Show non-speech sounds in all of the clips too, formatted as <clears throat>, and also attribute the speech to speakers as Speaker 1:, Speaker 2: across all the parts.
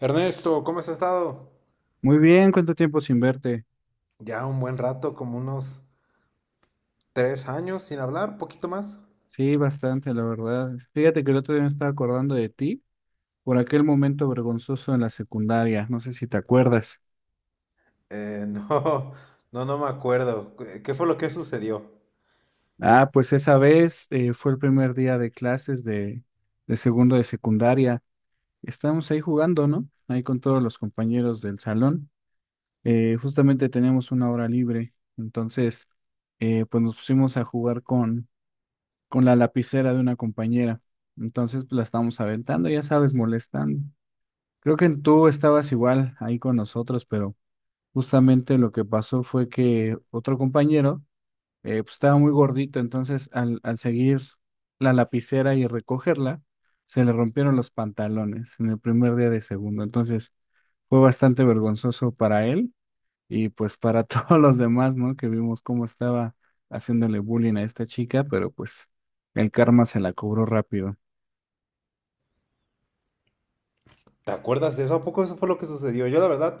Speaker 1: Ernesto, ¿cómo has estado?
Speaker 2: Muy bien, ¿cuánto tiempo sin verte?
Speaker 1: Ya un buen rato, como unos 3 años sin hablar, poquito más.
Speaker 2: Sí, bastante, la verdad. Fíjate que el otro día me estaba acordando de ti por aquel momento vergonzoso en la secundaria, no sé si te acuerdas.
Speaker 1: <laughs> No, no, no me acuerdo. ¿Qué fue lo que sucedió?
Speaker 2: Ah, pues esa vez fue el primer día de clases de segundo de secundaria. Estábamos ahí jugando, ¿no? Ahí con todos los compañeros del salón. Justamente teníamos una hora libre, entonces pues nos pusimos a jugar con la lapicera de una compañera. Entonces pues, la estábamos aventando, ya sabes, molestando. Creo que tú estabas igual ahí con nosotros, pero justamente lo que pasó fue que otro compañero pues estaba muy gordito, entonces al seguir la lapicera y recogerla, se le rompieron los pantalones en el primer día de segundo. Entonces fue bastante vergonzoso para él y pues para <laughs> todos los demás, ¿no? Que vimos cómo estaba haciéndole bullying a esta chica, pero pues el karma se la cobró rápido.
Speaker 1: ¿Te acuerdas de eso? ¿A poco eso fue lo que sucedió? Yo la verdad,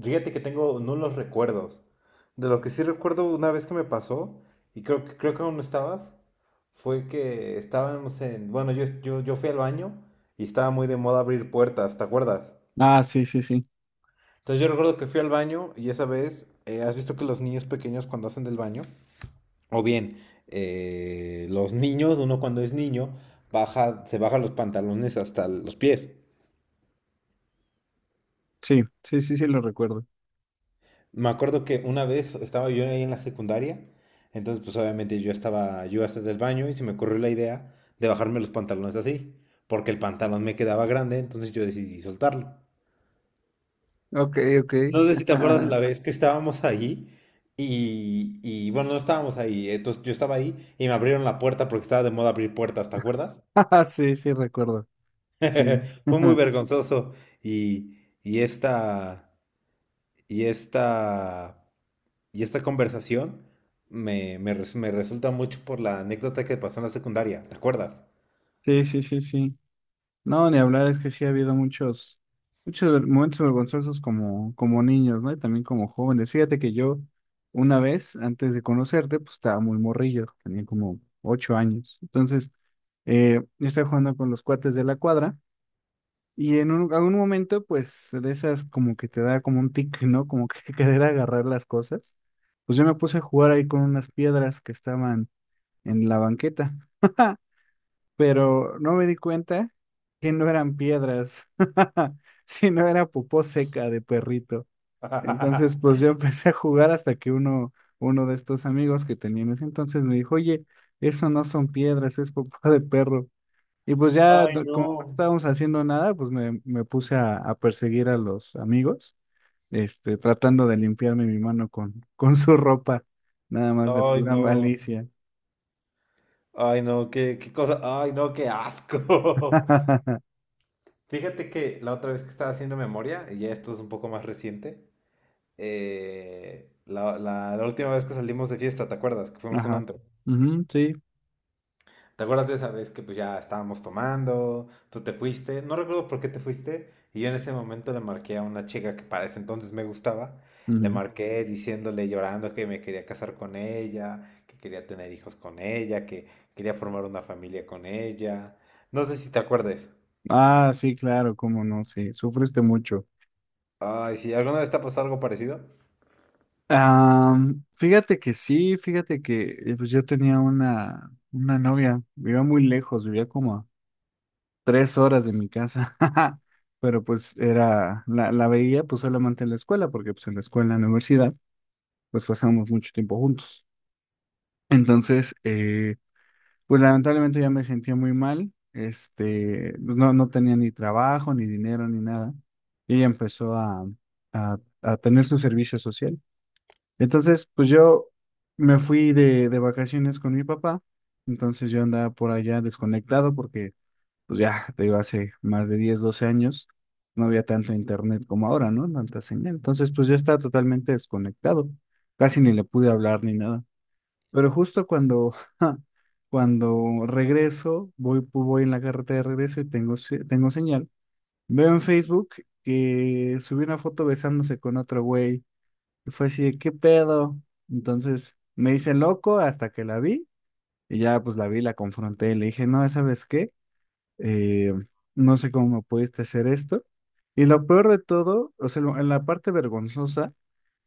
Speaker 1: fíjate que tengo nulos recuerdos. De lo que sí recuerdo una vez que me pasó, y creo que aún no estabas. Fue que estábamos en... Bueno, yo fui al baño y estaba muy de moda abrir puertas, ¿te acuerdas?
Speaker 2: Ah, sí, sí, sí,
Speaker 1: Entonces yo recuerdo que fui al baño y esa vez, has visto que los niños pequeños cuando hacen del baño, o bien los niños, uno cuando es niño, baja, se baja los pantalones hasta los pies.
Speaker 2: sí, sí, sí, sí, lo recuerdo.
Speaker 1: Me acuerdo que una vez estaba yo ahí en la secundaria, entonces pues obviamente yo estaba, yo hasta del baño y se me ocurrió la idea de bajarme los pantalones así, porque el pantalón me quedaba grande, entonces yo decidí soltarlo.
Speaker 2: Ok, ok.
Speaker 1: No sé si te acuerdas
Speaker 2: <laughs>
Speaker 1: la vez que estábamos ahí y, bueno, no estábamos ahí, entonces yo estaba ahí y me abrieron la puerta porque estaba de moda abrir puertas, ¿te acuerdas?
Speaker 2: Ah, sí, sí, recuerdo. Sí.
Speaker 1: <laughs> Fue muy
Speaker 2: <laughs>
Speaker 1: vergonzoso y, y esta, y esta, y esta conversación me resulta mucho por la anécdota que pasó en la secundaria, ¿te acuerdas?
Speaker 2: Sí, sí, sí, sí. No, ni hablar, es que sí ha habido muchos, momentos vergonzosos como, niños, ¿no? Y también como jóvenes. Fíjate que yo, una vez, antes de conocerte, pues estaba muy morrillo, tenía como 8 años. Entonces, yo estaba jugando con los cuates de la cuadra. Y algún momento, pues, de esas como que te da como un tic, ¿no? Como que <laughs> querer agarrar las cosas. Pues yo me puse a jugar ahí con unas piedras que estaban en la banqueta, pero no me di cuenta que no eran piedras, <laughs> sino era popó seca de perrito. Entonces, pues
Speaker 1: <laughs>
Speaker 2: yo <laughs> empecé a jugar hasta que uno de estos amigos que tenía en ese entonces me dijo, oye, eso no son piedras, es popó de perro. Y pues ya,
Speaker 1: Ay,
Speaker 2: como no
Speaker 1: no.
Speaker 2: estábamos haciendo nada, pues me puse a perseguir a los amigos, este, tratando de limpiarme mi mano con, <laughs> con su ropa, nada más de
Speaker 1: Ay,
Speaker 2: pura
Speaker 1: no.
Speaker 2: malicia.
Speaker 1: Ay, no, qué cosa. Ay, no, qué asco. <laughs>
Speaker 2: <laughs>
Speaker 1: Fíjate que la otra vez que estaba haciendo memoria, y ya esto es un poco más reciente, la última vez que salimos de fiesta, ¿te acuerdas? Que fuimos a un
Speaker 2: Ajá.
Speaker 1: antro.
Speaker 2: Ujú, sí.
Speaker 1: ¿Te acuerdas de esa vez que pues ya estábamos tomando, tú te fuiste? No recuerdo por qué te fuiste, y yo en ese momento le marqué a una chica que para ese entonces me gustaba, le
Speaker 2: Ujú.
Speaker 1: marqué diciéndole, llorando, que me quería casar con ella, que quería tener hijos con ella, que quería formar una familia con ella. No sé si te acuerdes.
Speaker 2: Ah, sí, claro, cómo no, sí, sufriste mucho.
Speaker 1: Ay, sí, ¿alguna vez te ha pasado algo parecido?
Speaker 2: Ah, fíjate que sí, fíjate que pues yo tenía una novia, vivía muy lejos, vivía como a 3 horas de mi casa, <laughs> pero pues era, la veía pues solamente en la escuela, porque pues en la escuela, en la universidad, pues pasamos mucho tiempo juntos. Entonces, pues lamentablemente ya me sentía muy mal, este, pues, no, no tenía ni trabajo, ni dinero, ni nada. Y ella empezó a tener su servicio social. Entonces, pues yo me fui de vacaciones con mi papá, entonces yo andaba por allá desconectado porque pues ya, te digo, hace más de 10 12 años, no había tanto internet como ahora, ¿no? Tanta señal. Entonces, pues ya estaba totalmente desconectado. Casi ni le pude hablar ni nada. Pero justo cuando, <laughs> ja, cuando regreso, voy en la carretera de regreso y tengo, tengo señal. Veo en Facebook que subí una foto besándose con otro güey. Y fue así de, ¿qué pedo? Entonces me hice loco hasta que la vi. Y ya pues la vi, la confronté y le dije, no, ¿sabes qué? eh, no sé cómo me pudiste hacer esto. Y lo peor de todo, o sea, en la parte vergonzosa,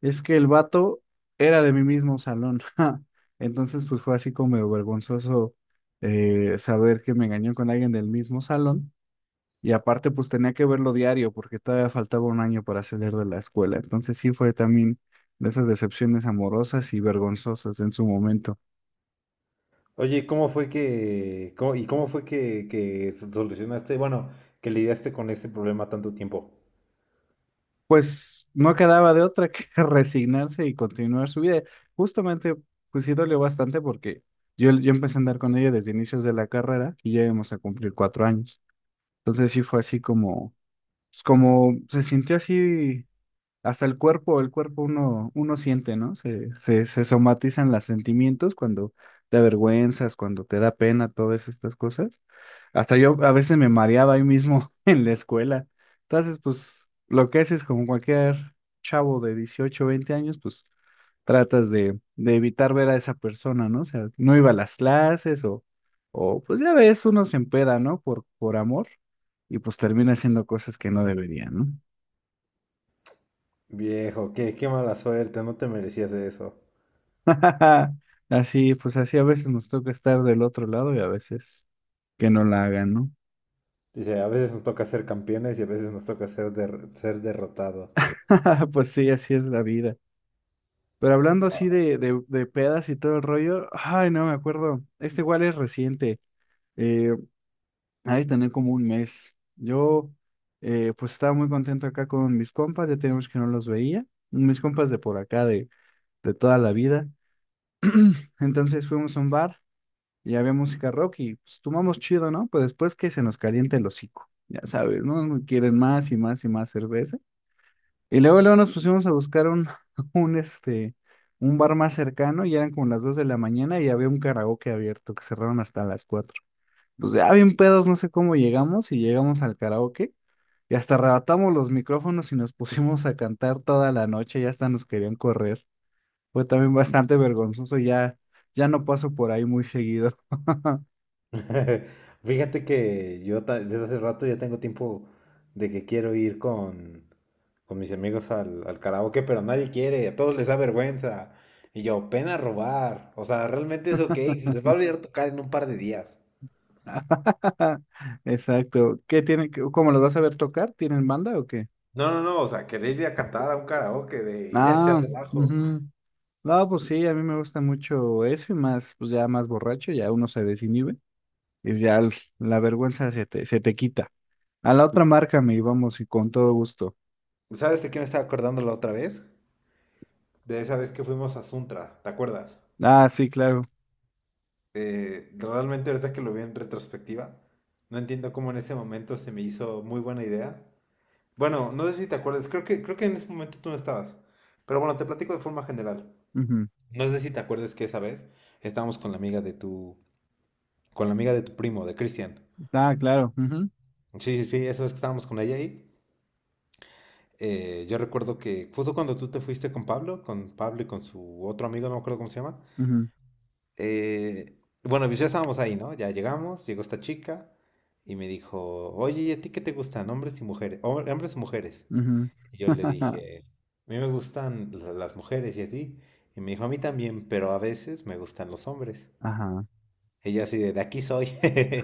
Speaker 2: es que el vato era de mi mismo salón. <laughs> Ja. Entonces, pues fue así como medio vergonzoso saber que me engañó con alguien del mismo salón. Y aparte, pues tenía que verlo diario porque todavía faltaba un año para salir de la escuela. Entonces sí fue también de esas decepciones amorosas y vergonzosas en su momento.
Speaker 1: Oye, ¿cómo fue que, cómo- y cómo fue que solucionaste, bueno, que lidiaste con ese problema tanto tiempo?
Speaker 2: Pues no quedaba de otra que <laughs> resignarse y continuar su vida. Justamente, pues sí dolió bastante porque yo empecé a andar con ella desde inicios de la carrera y ya íbamos a cumplir 4 años. Entonces sí fue así como, pues, como se sintió así hasta el cuerpo uno siente, ¿no? Se somatizan los sentimientos cuando te avergüenzas, cuando te da pena, todas estas cosas. Hasta yo a veces me mareaba ahí mismo <laughs> en la escuela. Entonces, pues, lo que haces como cualquier chavo de 18 20 años, pues, tratas de evitar ver a esa persona, ¿no? O sea, no iba a las clases o pues ya ves, uno se empeda, ¿no? Por amor y pues termina haciendo cosas que no debería, ¿no?
Speaker 1: Viejo, qué mala suerte, no te merecías eso.
Speaker 2: <laughs> Así, pues así a veces nos toca estar del otro lado y a veces que no la hagan, ¿no?
Speaker 1: Dice, a veces nos toca ser campeones y a veces nos toca ser derrotados.
Speaker 2: <laughs> Pues sí, así es la vida. Pero hablando así de pedas y todo el rollo, ay, no me acuerdo. Este igual es reciente. Eh, Ha tener como un mes. Yo, pues estaba muy contento acá con mis compas, ya teníamos que no los veía. Mis compas de por acá, de toda la vida. <clears throat> Entonces fuimos a un bar y había música rock y pues tomamos chido, ¿no? Pues después que se nos caliente el hocico, ya sabes, ¿no? Quieren más y más y más cerveza. Y luego nos pusimos a buscar <laughs> este, un bar más cercano y eran como las 2 de la mañana y había un karaoke abierto que cerraron hasta las 4. Pues ya bien pedos, no sé cómo llegamos y llegamos al karaoke y hasta arrebatamos los micrófonos y nos <laughs> pusimos a cantar toda la noche y hasta nos querían correr. Fue también bastante vergonzoso, ya, ya no paso por ahí muy seguido.
Speaker 1: <laughs> Fíjate que yo desde hace rato ya tengo tiempo de que quiero ir con mis amigos al karaoke, pero nadie quiere, a todos les da vergüenza. Y yo, pena robar. O sea, realmente es OK, se les va a
Speaker 2: <laughs>
Speaker 1: olvidar tocar en un par de días.
Speaker 2: <laughs> Exacto. ¿Qué tienen? ¿Cómo los vas a ver tocar? ¿Tienen banda o qué?
Speaker 1: No, no, no, o sea, querer ir a cantar a un karaoke, de ir a echar
Speaker 2: Ah,
Speaker 1: relajo.
Speaker 2: ujú. No, pues sí, a mí me gusta mucho eso y más, pues ya más borracho, ya uno se desinhibe y ya la vergüenza se te quita. A la otra márcame y vamos y con todo gusto.
Speaker 1: ¿Sabes de qué me estaba acordando la otra vez? De esa vez que fuimos a Suntra, ¿te acuerdas?
Speaker 2: Ah, sí, claro.
Speaker 1: Realmente ahorita que lo vi en retrospectiva, no entiendo cómo en ese momento se me hizo muy buena idea. Bueno, no sé si te acuerdas, creo que en ese momento tú no estabas. Pero bueno, te platico de forma general.
Speaker 2: Ujú.
Speaker 1: No sé si te acuerdas que esa vez estábamos con la amiga de tu primo, de Cristian.
Speaker 2: Ah, claro. Ujú,
Speaker 1: Sí, sí, sí, esa vez que estábamos con ella ahí. Yo recuerdo que justo cuando tú te fuiste con Pablo y con su otro amigo, no me acuerdo cómo se llama,
Speaker 2: ujú,
Speaker 1: eh, bueno, pues ya estábamos ahí, ¿no? Ya llegamos, llegó esta chica y me dijo, oye, ¿y a ti qué te gustan, hombres y mujeres? ¿Hombres o mujeres?
Speaker 2: ujú.
Speaker 1: Y yo le
Speaker 2: <laughs>
Speaker 1: dije, a mí me gustan las mujeres y a ti. Y me dijo, a mí también, pero a veces me gustan los hombres.
Speaker 2: Ajá.
Speaker 1: Ella así de aquí soy.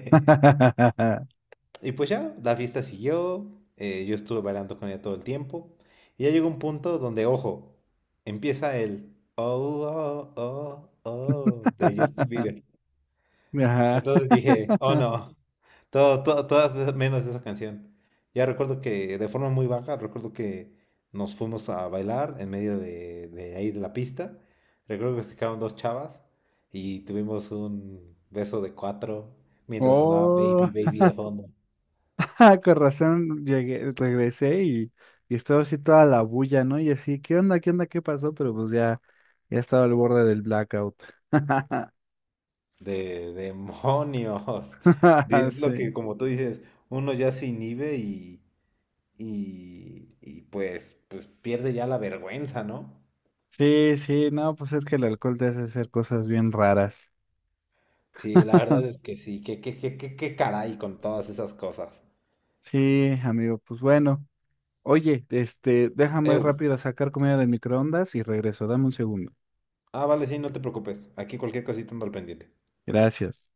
Speaker 1: <laughs> Y pues ya, la fiesta siguió, yo estuve bailando con ella todo el tiempo. Y ya llegó un punto donde, ojo, empieza el oh, oh, oh, oh de Justin Bieber.
Speaker 2: Ajá.
Speaker 1: Entonces dije, oh
Speaker 2: <laughs>
Speaker 1: no, menos esa canción. Ya recuerdo que de forma muy baja, recuerdo que nos fuimos a bailar en medio de ahí de la pista. Recuerdo que se quedaron dos chavas y tuvimos un beso de cuatro mientras sonaba
Speaker 2: Oh.
Speaker 1: Baby Baby de fondo.
Speaker 2: <laughs> Ah, con razón llegué, regresé y estaba así toda la bulla, ¿no? Y así, ¿qué onda? ¿Qué onda? ¿Qué pasó? Pero pues ya, ya estaba al borde del blackout. <laughs>
Speaker 1: De demonios. <laughs> Es lo que,
Speaker 2: Sí.
Speaker 1: como tú dices, uno ya se inhibe y pues pierde ya la vergüenza, ¿no?
Speaker 2: Sí, sí, no, pues es que el alcohol te hace hacer cosas bien raras.
Speaker 1: Sí, la verdad
Speaker 2: <laughs>
Speaker 1: es que sí, que caray con todas esas cosas.
Speaker 2: Sí, amigo, pues bueno. Oye, este, déjame
Speaker 1: Eu.
Speaker 2: rápido sacar comida del microondas y regreso. Dame un segundo.
Speaker 1: Ah, vale, sí, no te preocupes. Aquí cualquier cosita ando al pendiente.
Speaker 2: Gracias.